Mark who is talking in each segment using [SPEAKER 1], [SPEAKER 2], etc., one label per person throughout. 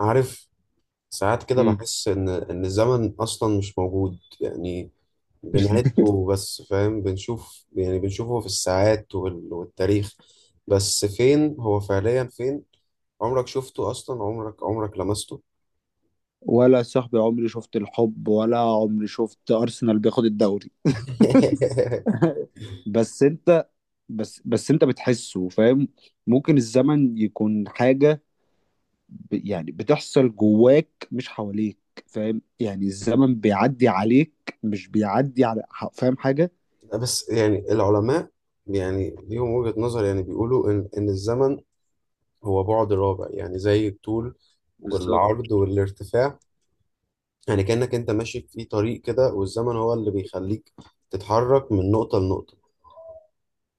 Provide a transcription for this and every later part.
[SPEAKER 1] عارف، ساعات كده
[SPEAKER 2] مم.
[SPEAKER 1] بحس إن الزمن أصلا مش موجود. يعني بنعده بس فاهم، بنشوف يعني بنشوفه في الساعات والتاريخ، بس فين هو فعليا؟ فين؟ عمرك شفته أصلا؟ عمرك لمسته؟
[SPEAKER 2] ولا صاحبي، عمري شفت الحب ولا عمري شفت ارسنال بياخد الدوري. بس انت بس انت بتحسه، فاهم؟ ممكن الزمن يكون حاجة، يعني بتحصل جواك مش حواليك. فاهم؟ يعني الزمن بيعدي عليك مش بيعدي على فاهم حاجة؟
[SPEAKER 1] بس يعني العلماء يعني ليهم وجهة نظر، يعني بيقولوا إن الزمن هو بعد رابع، يعني زي الطول
[SPEAKER 2] بالظبط.
[SPEAKER 1] والعرض والارتفاع. يعني كأنك انت ماشي في طريق كده، والزمن هو اللي بيخليك تتحرك من نقطة لنقطة.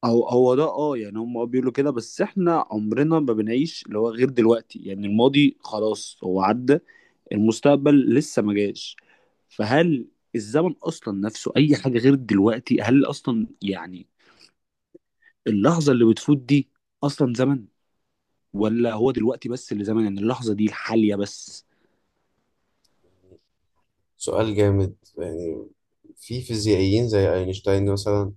[SPEAKER 2] او هو ده، اه، يعني هم بيقولوا كده، بس احنا عمرنا ما بنعيش اللي هو غير دلوقتي، يعني الماضي خلاص هو عدى، المستقبل لسه ما جاش. فهل الزمن اصلا نفسه اي حاجه غير دلوقتي؟ هل اصلا، يعني، اللحظه اللي بتفوت دي اصلا زمن، ولا هو دلوقتي بس اللي زمن، يعني اللحظه دي الحاليه بس؟
[SPEAKER 1] سؤال جامد يعني. في فيزيائيين زي اينشتاين مثلا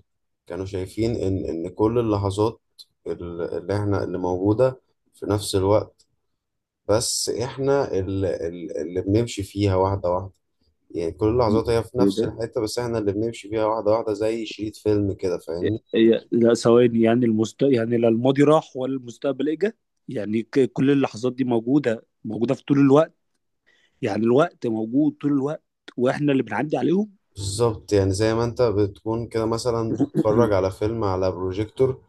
[SPEAKER 1] كانوا شايفين ان كل اللحظات اللي احنا، اللي موجودة في نفس الوقت، بس احنا اللي بنمشي فيها واحدة واحدة. يعني كل اللحظات هي في
[SPEAKER 2] ايه
[SPEAKER 1] نفس
[SPEAKER 2] ده!
[SPEAKER 1] الحتة، بس احنا اللي بنمشي فيها واحدة واحدة زي شريط فيلم كده، فاهمني؟
[SPEAKER 2] هي لا ثواني، يعني يعني لا الماضي راح ولا المستقبل اجى. يعني كل اللحظات دي موجوده في طول الوقت، يعني الوقت موجود طول الوقت، واحنا اللي بنعدي عليهم.
[SPEAKER 1] بالظبط، يعني زي ما انت بتكون كده مثلا بتتفرج على فيلم على بروجيكتور.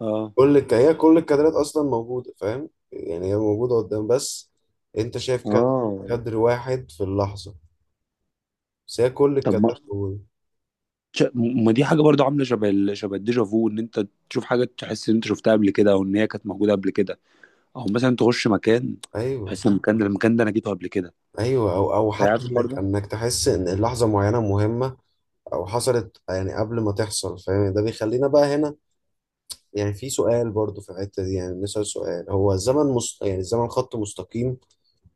[SPEAKER 2] اه،
[SPEAKER 1] هي كل الكادرات اصلا موجوده، فاهم؟ يعني هي موجوده قدام، بس انت شايف
[SPEAKER 2] اه.
[SPEAKER 1] كادر واحد في اللحظه، بس هي كل
[SPEAKER 2] طب، ما
[SPEAKER 1] الكادرات موجوده.
[SPEAKER 2] ش- ما دي حاجه برضو عامله شبه شبه الديجا فو، ان انت تشوف حاجه تحس ان انت شفتها قبل كده، او ان هي كانت موجوده قبل كده، او مثلا تخش مكان،
[SPEAKER 1] ايوه.
[SPEAKER 2] تحس إن المكان ده انا جيته قبل كده.
[SPEAKER 1] ايوه، او او
[SPEAKER 2] عارف
[SPEAKER 1] حتى
[SPEAKER 2] الحوار
[SPEAKER 1] انك
[SPEAKER 2] ده؟
[SPEAKER 1] انك تحس ان لحظه معينه مهمه او حصلت يعني قبل ما تحصل، فاهم؟ ده بيخلينا بقى هنا، يعني في سؤال برضو في الحته دي، يعني نسال سؤال: هو الزمن يعني الزمن خط مستقيم،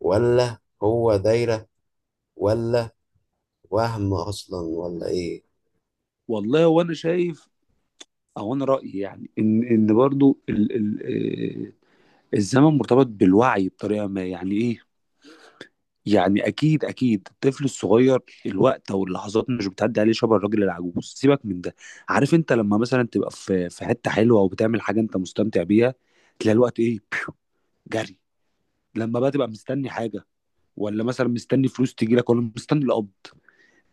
[SPEAKER 1] ولا هو دايره، ولا وهم اصلا، ولا ايه؟
[SPEAKER 2] والله، هو انا شايف، او انا رايي يعني ان برضو ال ال آه، الزمن مرتبط بالوعي بطريقه ما. يعني ايه؟ يعني اكيد اكيد الطفل الصغير الوقت او اللحظات مش بتعدي عليه شبه الراجل العجوز. سيبك من ده. عارف انت لما مثلا تبقى في حته حلوه وبتعمل حاجه انت مستمتع بيها، تلاقي الوقت ايه؟ جري. لما بقى تبقى مستني حاجه، ولا مثلا مستني فلوس تجي لك، ولا مستني القبض،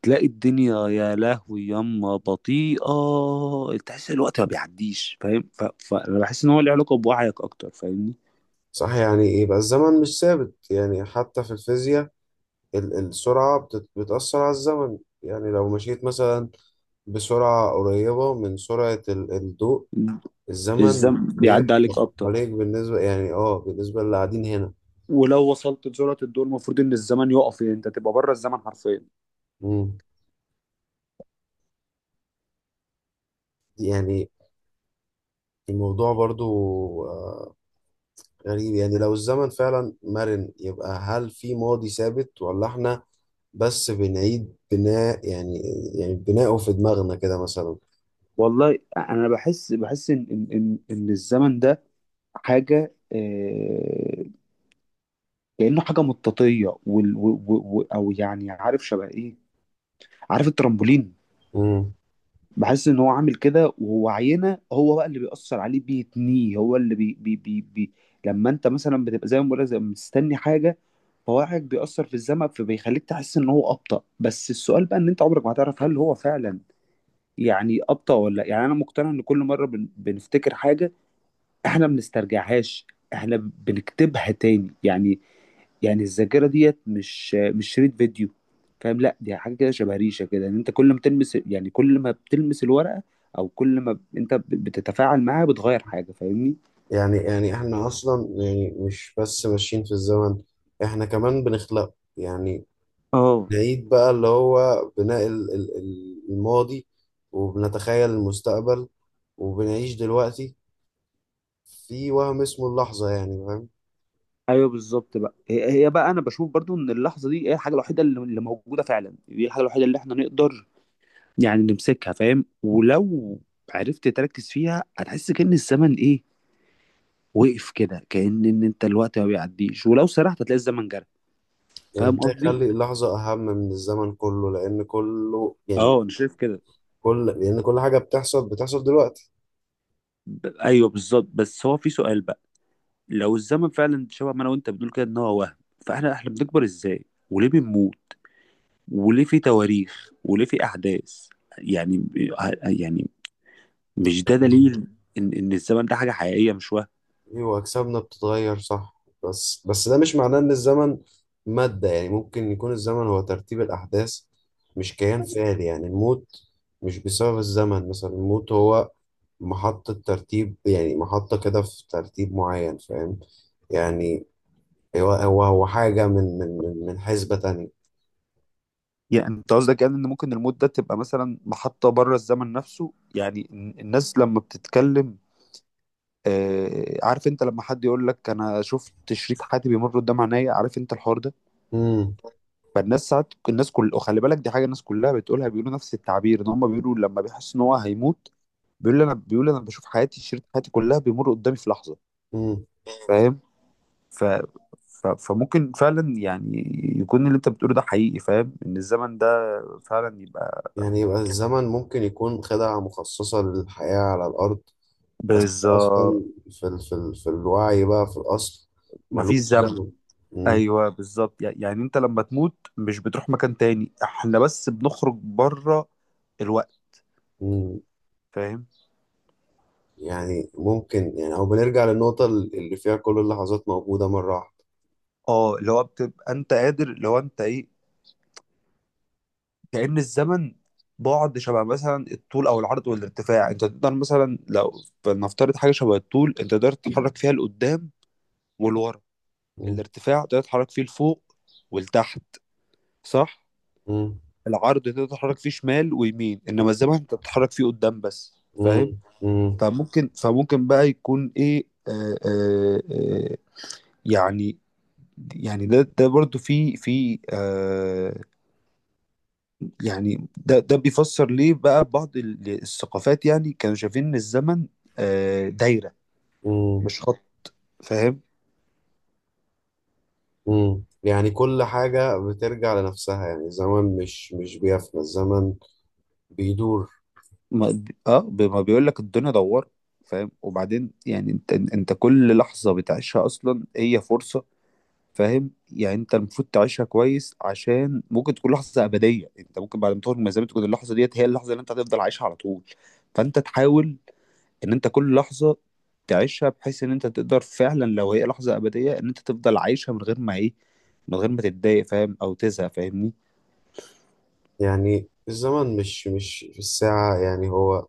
[SPEAKER 2] تلاقي الدنيا يا لهوي ياما بطيئه، تحس الوقت ما بيعديش، فاهم؟ فانا بحس ان هو له علاقه بوعيك اكتر، فاهمني؟
[SPEAKER 1] صح، يعني يبقى الزمن مش ثابت. يعني حتى في الفيزياء السرعة بتأثر على الزمن. يعني لو مشيت مثلا بسرعة قريبة من سرعة الضوء، الزمن
[SPEAKER 2] الزمن بيعدي عليك
[SPEAKER 1] بيبقى
[SPEAKER 2] اكتر.
[SPEAKER 1] عليك بالنسبة، يعني اه بالنسبة للي قاعدين هنا.
[SPEAKER 2] ولو وصلت لجرة الدور المفروض ان الزمن يقف، يعني انت تبقى بره الزمن حرفيا.
[SPEAKER 1] مم. يعني الموضوع برضو آه، غريب. يعني لو الزمن فعلا مرن، يبقى هل في ماضي ثابت، ولا احنا بس بنعيد بناء، يعني يعني بناءه في دماغنا كده مثلا؟
[SPEAKER 2] والله انا بحس ان ان إن الزمن ده حاجه، كانه حاجه مطاطيه، وال... و... و... و- او يعني عارف شبه ايه؟ عارف الترامبولين؟
[SPEAKER 1] مم.
[SPEAKER 2] بحس ان هو عامل كده، وهو عينه هو بقى اللي بيأثر عليه بيتنيه، هو اللي بي بي بي بي لما انت مثلا بتبقى زي ما بقول لك، ما مستني حاجه، فهو حاجه بيأثر في الزمن فبيخليك تحس ان هو ابطأ. بس السؤال بقى ان انت عمرك ما هتعرف هل هو فعلا يعني ابطأ ولا لا. يعني انا مقتنع ان كل مره بنفتكر حاجه، احنا ما بنسترجعهاش، احنا بنكتبها تاني. يعني الذاكره ديت مش شريط فيديو، فاهم؟ لا، دي حاجه كده شبه ريشه كده، ان انت كل ما تلمس يعني كل ما بتلمس الورقه، او كل ما انت بتتفاعل معاها بتغير حاجه، فاهمني؟
[SPEAKER 1] يعني يعني احنا اصلا يعني مش بس ماشيين في الزمن، احنا كمان بنخلقه. يعني
[SPEAKER 2] اه.
[SPEAKER 1] نعيد بقى اللي هو بناء الماضي، وبنتخيل المستقبل، وبنعيش دلوقتي في وهم اسمه اللحظة، يعني فاهم؟
[SPEAKER 2] ايوه، بالظبط. بقى هي بقى انا بشوف برضو ان اللحظه دي هي الحاجه الوحيده اللي موجوده فعلا، دي الحاجه الوحيده اللي احنا نقدر يعني نمسكها، فاهم؟ ولو عرفت تركز فيها هتحس كأن الزمن ايه؟ وقف كده، كأن ان انت الوقت ما بيعديش، ولو سرحت هتلاقي الزمن جرى.
[SPEAKER 1] يعني
[SPEAKER 2] فاهم
[SPEAKER 1] ده
[SPEAKER 2] قصدي؟
[SPEAKER 1] يخلي
[SPEAKER 2] حلو.
[SPEAKER 1] اللحظة أهم من الزمن كله، لأن كله يعني
[SPEAKER 2] اه، انا شايف كده.
[SPEAKER 1] كل حاجة بتحصل بتحصل دلوقتي،
[SPEAKER 2] ايوه بالظبط، بس هو في سؤال بقى: لو الزمن فعلا شبه ما انا وانت بنقول كده ان هو وهم، فاحنا بنكبر ازاي؟ وليه بنموت؟ وليه في تواريخ؟ وليه في احداث؟ يعني، يعني مش ده
[SPEAKER 1] يعني.
[SPEAKER 2] دليل ان الزمن ده حاجة حقيقية مش وهم؟
[SPEAKER 1] ايوه اجسامنا بتتغير صح، بس ده مش معناه ان الزمن مادة. يعني ممكن يكون الزمن هو ترتيب الاحداث، مش كيان فعلي. يعني الموت مش بسبب الزمن مثلا، الموت هو محطة ترتيب، يعني محطة كده في ترتيب معين، فاهم؟ يعني هو حاجة من حسبة تانية.
[SPEAKER 2] يعني انت قصدك يعني ان ممكن الموت ده تبقى مثلا محطة بره الزمن نفسه، يعني الناس لما بتتكلم عارف انت لما حد يقول لك انا شفت شريط حياتي بيمر قدام عينيا، عارف انت الحوار ده؟
[SPEAKER 1] امم
[SPEAKER 2] فالناس ساعات، الناس كل، وخلي بالك دي حاجه الناس كلها بتقولها، بيقولوا نفس التعبير، ان هم بيقولوا لما بيحس ان هو هيموت بيقول انا بيقول انا بشوف حياتي، شريط حياتي كلها بيمر قدامي في لحظه،
[SPEAKER 1] امم
[SPEAKER 2] فاهم؟ ف... فممكن فعلا يعني يكون اللي انت بتقوله ده حقيقي، فاهم؟ ان الزمن ده فعلا يبقى.
[SPEAKER 1] يعني يبقى الزمن ممكن يكون خدعة مخصصة للحياة على الأرض، بس اصلا
[SPEAKER 2] بالظبط.
[SPEAKER 1] في الوعي بقى في الاصل
[SPEAKER 2] مفيش
[SPEAKER 1] ملوش
[SPEAKER 2] زمن.
[SPEAKER 1] زمن. مم.
[SPEAKER 2] ايوه بالظبط. يعني انت لما تموت مش بتروح مكان تاني، احنا بس بنخرج بره الوقت،
[SPEAKER 1] مم.
[SPEAKER 2] فاهم؟
[SPEAKER 1] يعني ممكن، يعني او بنرجع للنقطة اللي فيها كل اللحظات موجودة مرة واحدة.
[SPEAKER 2] اه، اللي هو بتبقى انت قادر، اللي هو انت ايه، كأن الزمن بعد شبه مثلا الطول او العرض والارتفاع. انت تقدر مثلا لو فلنفترض حاجه شبه الطول، انت تقدر تتحرك فيها لقدام والورا.
[SPEAKER 1] مم.
[SPEAKER 2] الارتفاع تقدر تتحرك فيه لفوق ولتحت، صح؟
[SPEAKER 1] مم.
[SPEAKER 2] العرض تقدر تتحرك فيه شمال ويمين،
[SPEAKER 1] مم.
[SPEAKER 2] انما الزمن انت بتتحرك فيه قدام بس، فاهم؟
[SPEAKER 1] مم.
[SPEAKER 2] فممكن بقى يكون ايه، يعني يعني ده برضو في يعني ده بيفسر ليه بقى بعض الثقافات يعني كانوا شايفين ان الزمن دايرة
[SPEAKER 1] مم.
[SPEAKER 2] مش خط، فاهم؟
[SPEAKER 1] يعني كل حاجة بترجع لنفسها، يعني الزمن مش بيفنى، الزمن بيدور.
[SPEAKER 2] ما اه ب- ما بيقول لك الدنيا دوار، فاهم؟ وبعدين يعني انت كل لحظة بتعيشها اصلا هي فرصة، فاهم؟ يعني انت المفروض تعيشها كويس، عشان ممكن تكون لحظه ابديه. انت ممكن بعد ما تخرج من الزمن تكون اللحظه ديت هي اللحظه اللي انت هتفضل عايشها على طول. فانت تحاول ان انت كل لحظه تعيشها بحيث ان انت تقدر فعلا لو هي لحظه ابديه ان انت تفضل عايشها من غير ما ايه، من غير ما تتضايق، فاهم؟ او تزهق، فاهمني؟
[SPEAKER 1] يعني الزمن مش في الساعة، يعني هو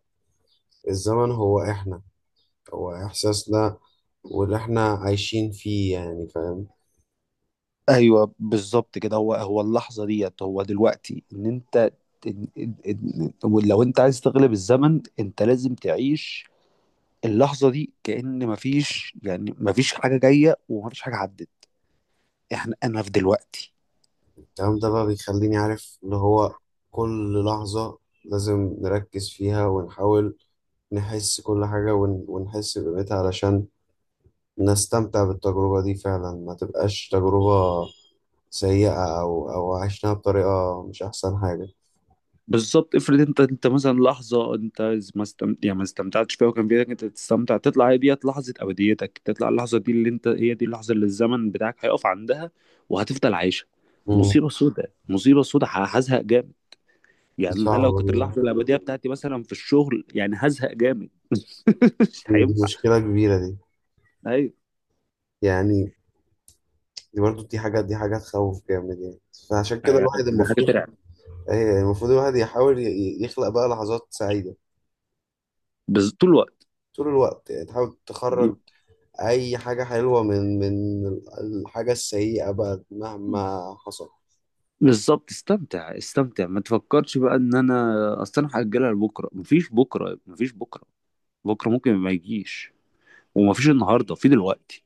[SPEAKER 1] الزمن هو احنا، هو احساسنا واللي احنا عايشين فيه، يعني فاهم؟
[SPEAKER 2] ايوه بالظبط كده. هو اللحظه ديت هو دلوقتي. ان انت، إن إن إن لو انت عايز تغلب الزمن انت لازم تعيش اللحظه دي كأن مفيش حاجه جايه ومفيش حاجه عدت. احنا، في دلوقتي.
[SPEAKER 1] الكلام ده بقى بيخليني عارف اللي هو كل لحظة لازم نركز فيها، ونحاول نحس كل حاجة ونحس بقيمتها علشان نستمتع بالتجربة دي فعلا، ما تبقاش تجربة سيئة أو عشناها بطريقة مش أحسن حاجة.
[SPEAKER 2] بالظبط. افرض انت مثلا لحظه انت ما استم... يعني ما استمتعتش فيها، وكان في ايدك انت تستمتع، تطلع هي ديت لحظه ابديتك، تطلع اللحظه دي اللي انت، هي دي اللحظه اللي الزمن بتاعك هيقف عندها وهتفضل عايشه.
[SPEAKER 1] مم.
[SPEAKER 2] مصيبه سوداء، مصيبه سوداء. هزهق جامد.
[SPEAKER 1] دي
[SPEAKER 2] يعني انا
[SPEAKER 1] صعبة
[SPEAKER 2] لو كانت
[SPEAKER 1] برضه.
[SPEAKER 2] اللحظه الابديه بتاعتي مثلا في الشغل، يعني هزهق جامد. مش
[SPEAKER 1] دي
[SPEAKER 2] هينفع.
[SPEAKER 1] مشكلة كبيرة دي،
[SPEAKER 2] ايوه.
[SPEAKER 1] يعني دي برضه، دي حاجة، دي حاجة تخوف جامد يعني. فعشان كده الواحد
[SPEAKER 2] ده حاجه
[SPEAKER 1] المفروض،
[SPEAKER 2] ترعب.
[SPEAKER 1] المفروض الواحد يحاول يخلق بقى لحظات سعيدة
[SPEAKER 2] طول الوقت.
[SPEAKER 1] طول الوقت. يعني تحاول تخرج اي حاجه حلوه من الحاجه السيئه بقى، مهما حصل.
[SPEAKER 2] بالظبط. استمتع، استمتع، ما تفكرش بقى ان انا، اصل انا هاجلها لبكره. مفيش بكره، مفيش بكره. بكره ممكن ما يجيش، ومفيش النهارده، في دلوقتي،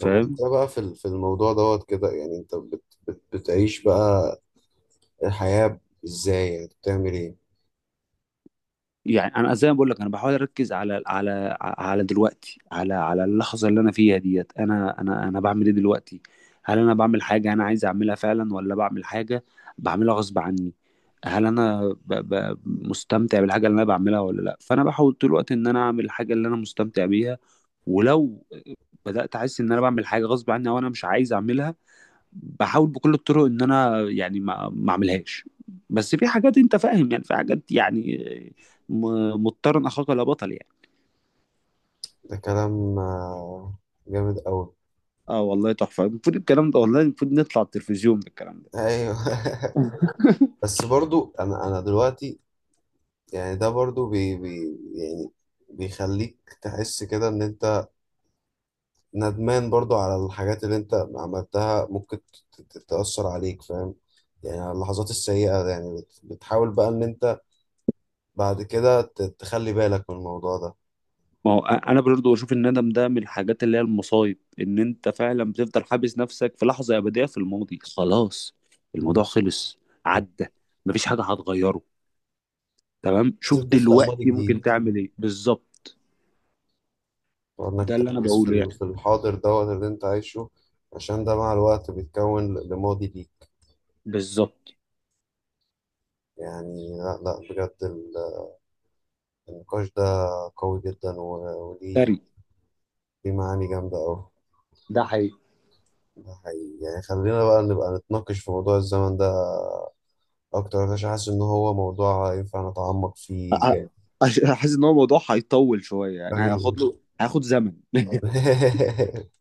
[SPEAKER 1] طب وانت بقى في في الموضوع دوت كده، يعني انت بت بت بتعيش بقى الحياه ازاي؟ يعني بتعمل ايه؟
[SPEAKER 2] يعني انا زي ما بقول لك، انا بحاول اركز على دلوقتي، على اللحظه اللي انا فيها ديت. انا، انا بعمل ايه دلوقتي؟ هل انا بعمل حاجه انا عايز اعملها فعلا، ولا بعمل حاجه بعملها غصب عني؟ هل انا مستمتع بالحاجه اللي انا بعملها، ولا لا؟ فانا بحاول طول الوقت ان انا اعمل الحاجه اللي انا مستمتع بيها. ولو بدات احس ان انا بعمل حاجه غصب عني او انا مش عايز اعملها، بحاول بكل الطرق ان انا يعني ما اعملهاش. بس في حاجات انت فاهم، يعني في حاجات يعني مضطر ان اخاك لا بطل يعني.
[SPEAKER 1] ده كلام جامد قوي.
[SPEAKER 2] اه والله تحفه، المفروض الكلام ده، والله المفروض نطلع التلفزيون بالكلام ده.
[SPEAKER 1] ايوه. بس برضو انا دلوقتي، يعني ده برضو بي بي يعني بيخليك تحس كده ان انت ندمان برضو على الحاجات اللي انت عملتها، ممكن تأثر عليك، فاهم؟ يعني على اللحظات السيئة، يعني بتحاول بقى ان انت بعد كده تخلي بالك من الموضوع ده.
[SPEAKER 2] ما هو انا برضه بشوف الندم ده من الحاجات اللي هي المصايب، ان انت فعلا بتفضل حابس نفسك في لحظه ابديه في الماضي. خلاص، الموضوع
[SPEAKER 1] مم.
[SPEAKER 2] خلص، عدى، مفيش حاجه هتغيره. تمام، شوف
[SPEAKER 1] لازم تخلق ماضي
[SPEAKER 2] دلوقتي ممكن
[SPEAKER 1] جديد،
[SPEAKER 2] تعمل ايه بالظبط. ده
[SPEAKER 1] وانك
[SPEAKER 2] اللي انا
[SPEAKER 1] تركز في
[SPEAKER 2] بقوله يعني.
[SPEAKER 1] في الحاضر دوت اللي انت عايشه، عشان ده مع الوقت بيتكون لماضي ليك.
[SPEAKER 2] بالظبط.
[SPEAKER 1] يعني لا بجد النقاش ده قوي جدا، وليه،
[SPEAKER 2] سري.
[SPEAKER 1] ليه معاني جامدة أوي.
[SPEAKER 2] ده حقيقي.
[SPEAKER 1] ده حقيقي، يعني خلينا بقى نبقى نتناقش في موضوع الزمن ده اكتر، عشان حاسس ان هو موضوع ينفع نتعمق
[SPEAKER 2] أ-
[SPEAKER 1] فيه
[SPEAKER 2] أ-
[SPEAKER 1] جامد.
[SPEAKER 2] احس ان هو موضوع هيطول شويه، يعني
[SPEAKER 1] أيوة.
[SPEAKER 2] هياخد زمن.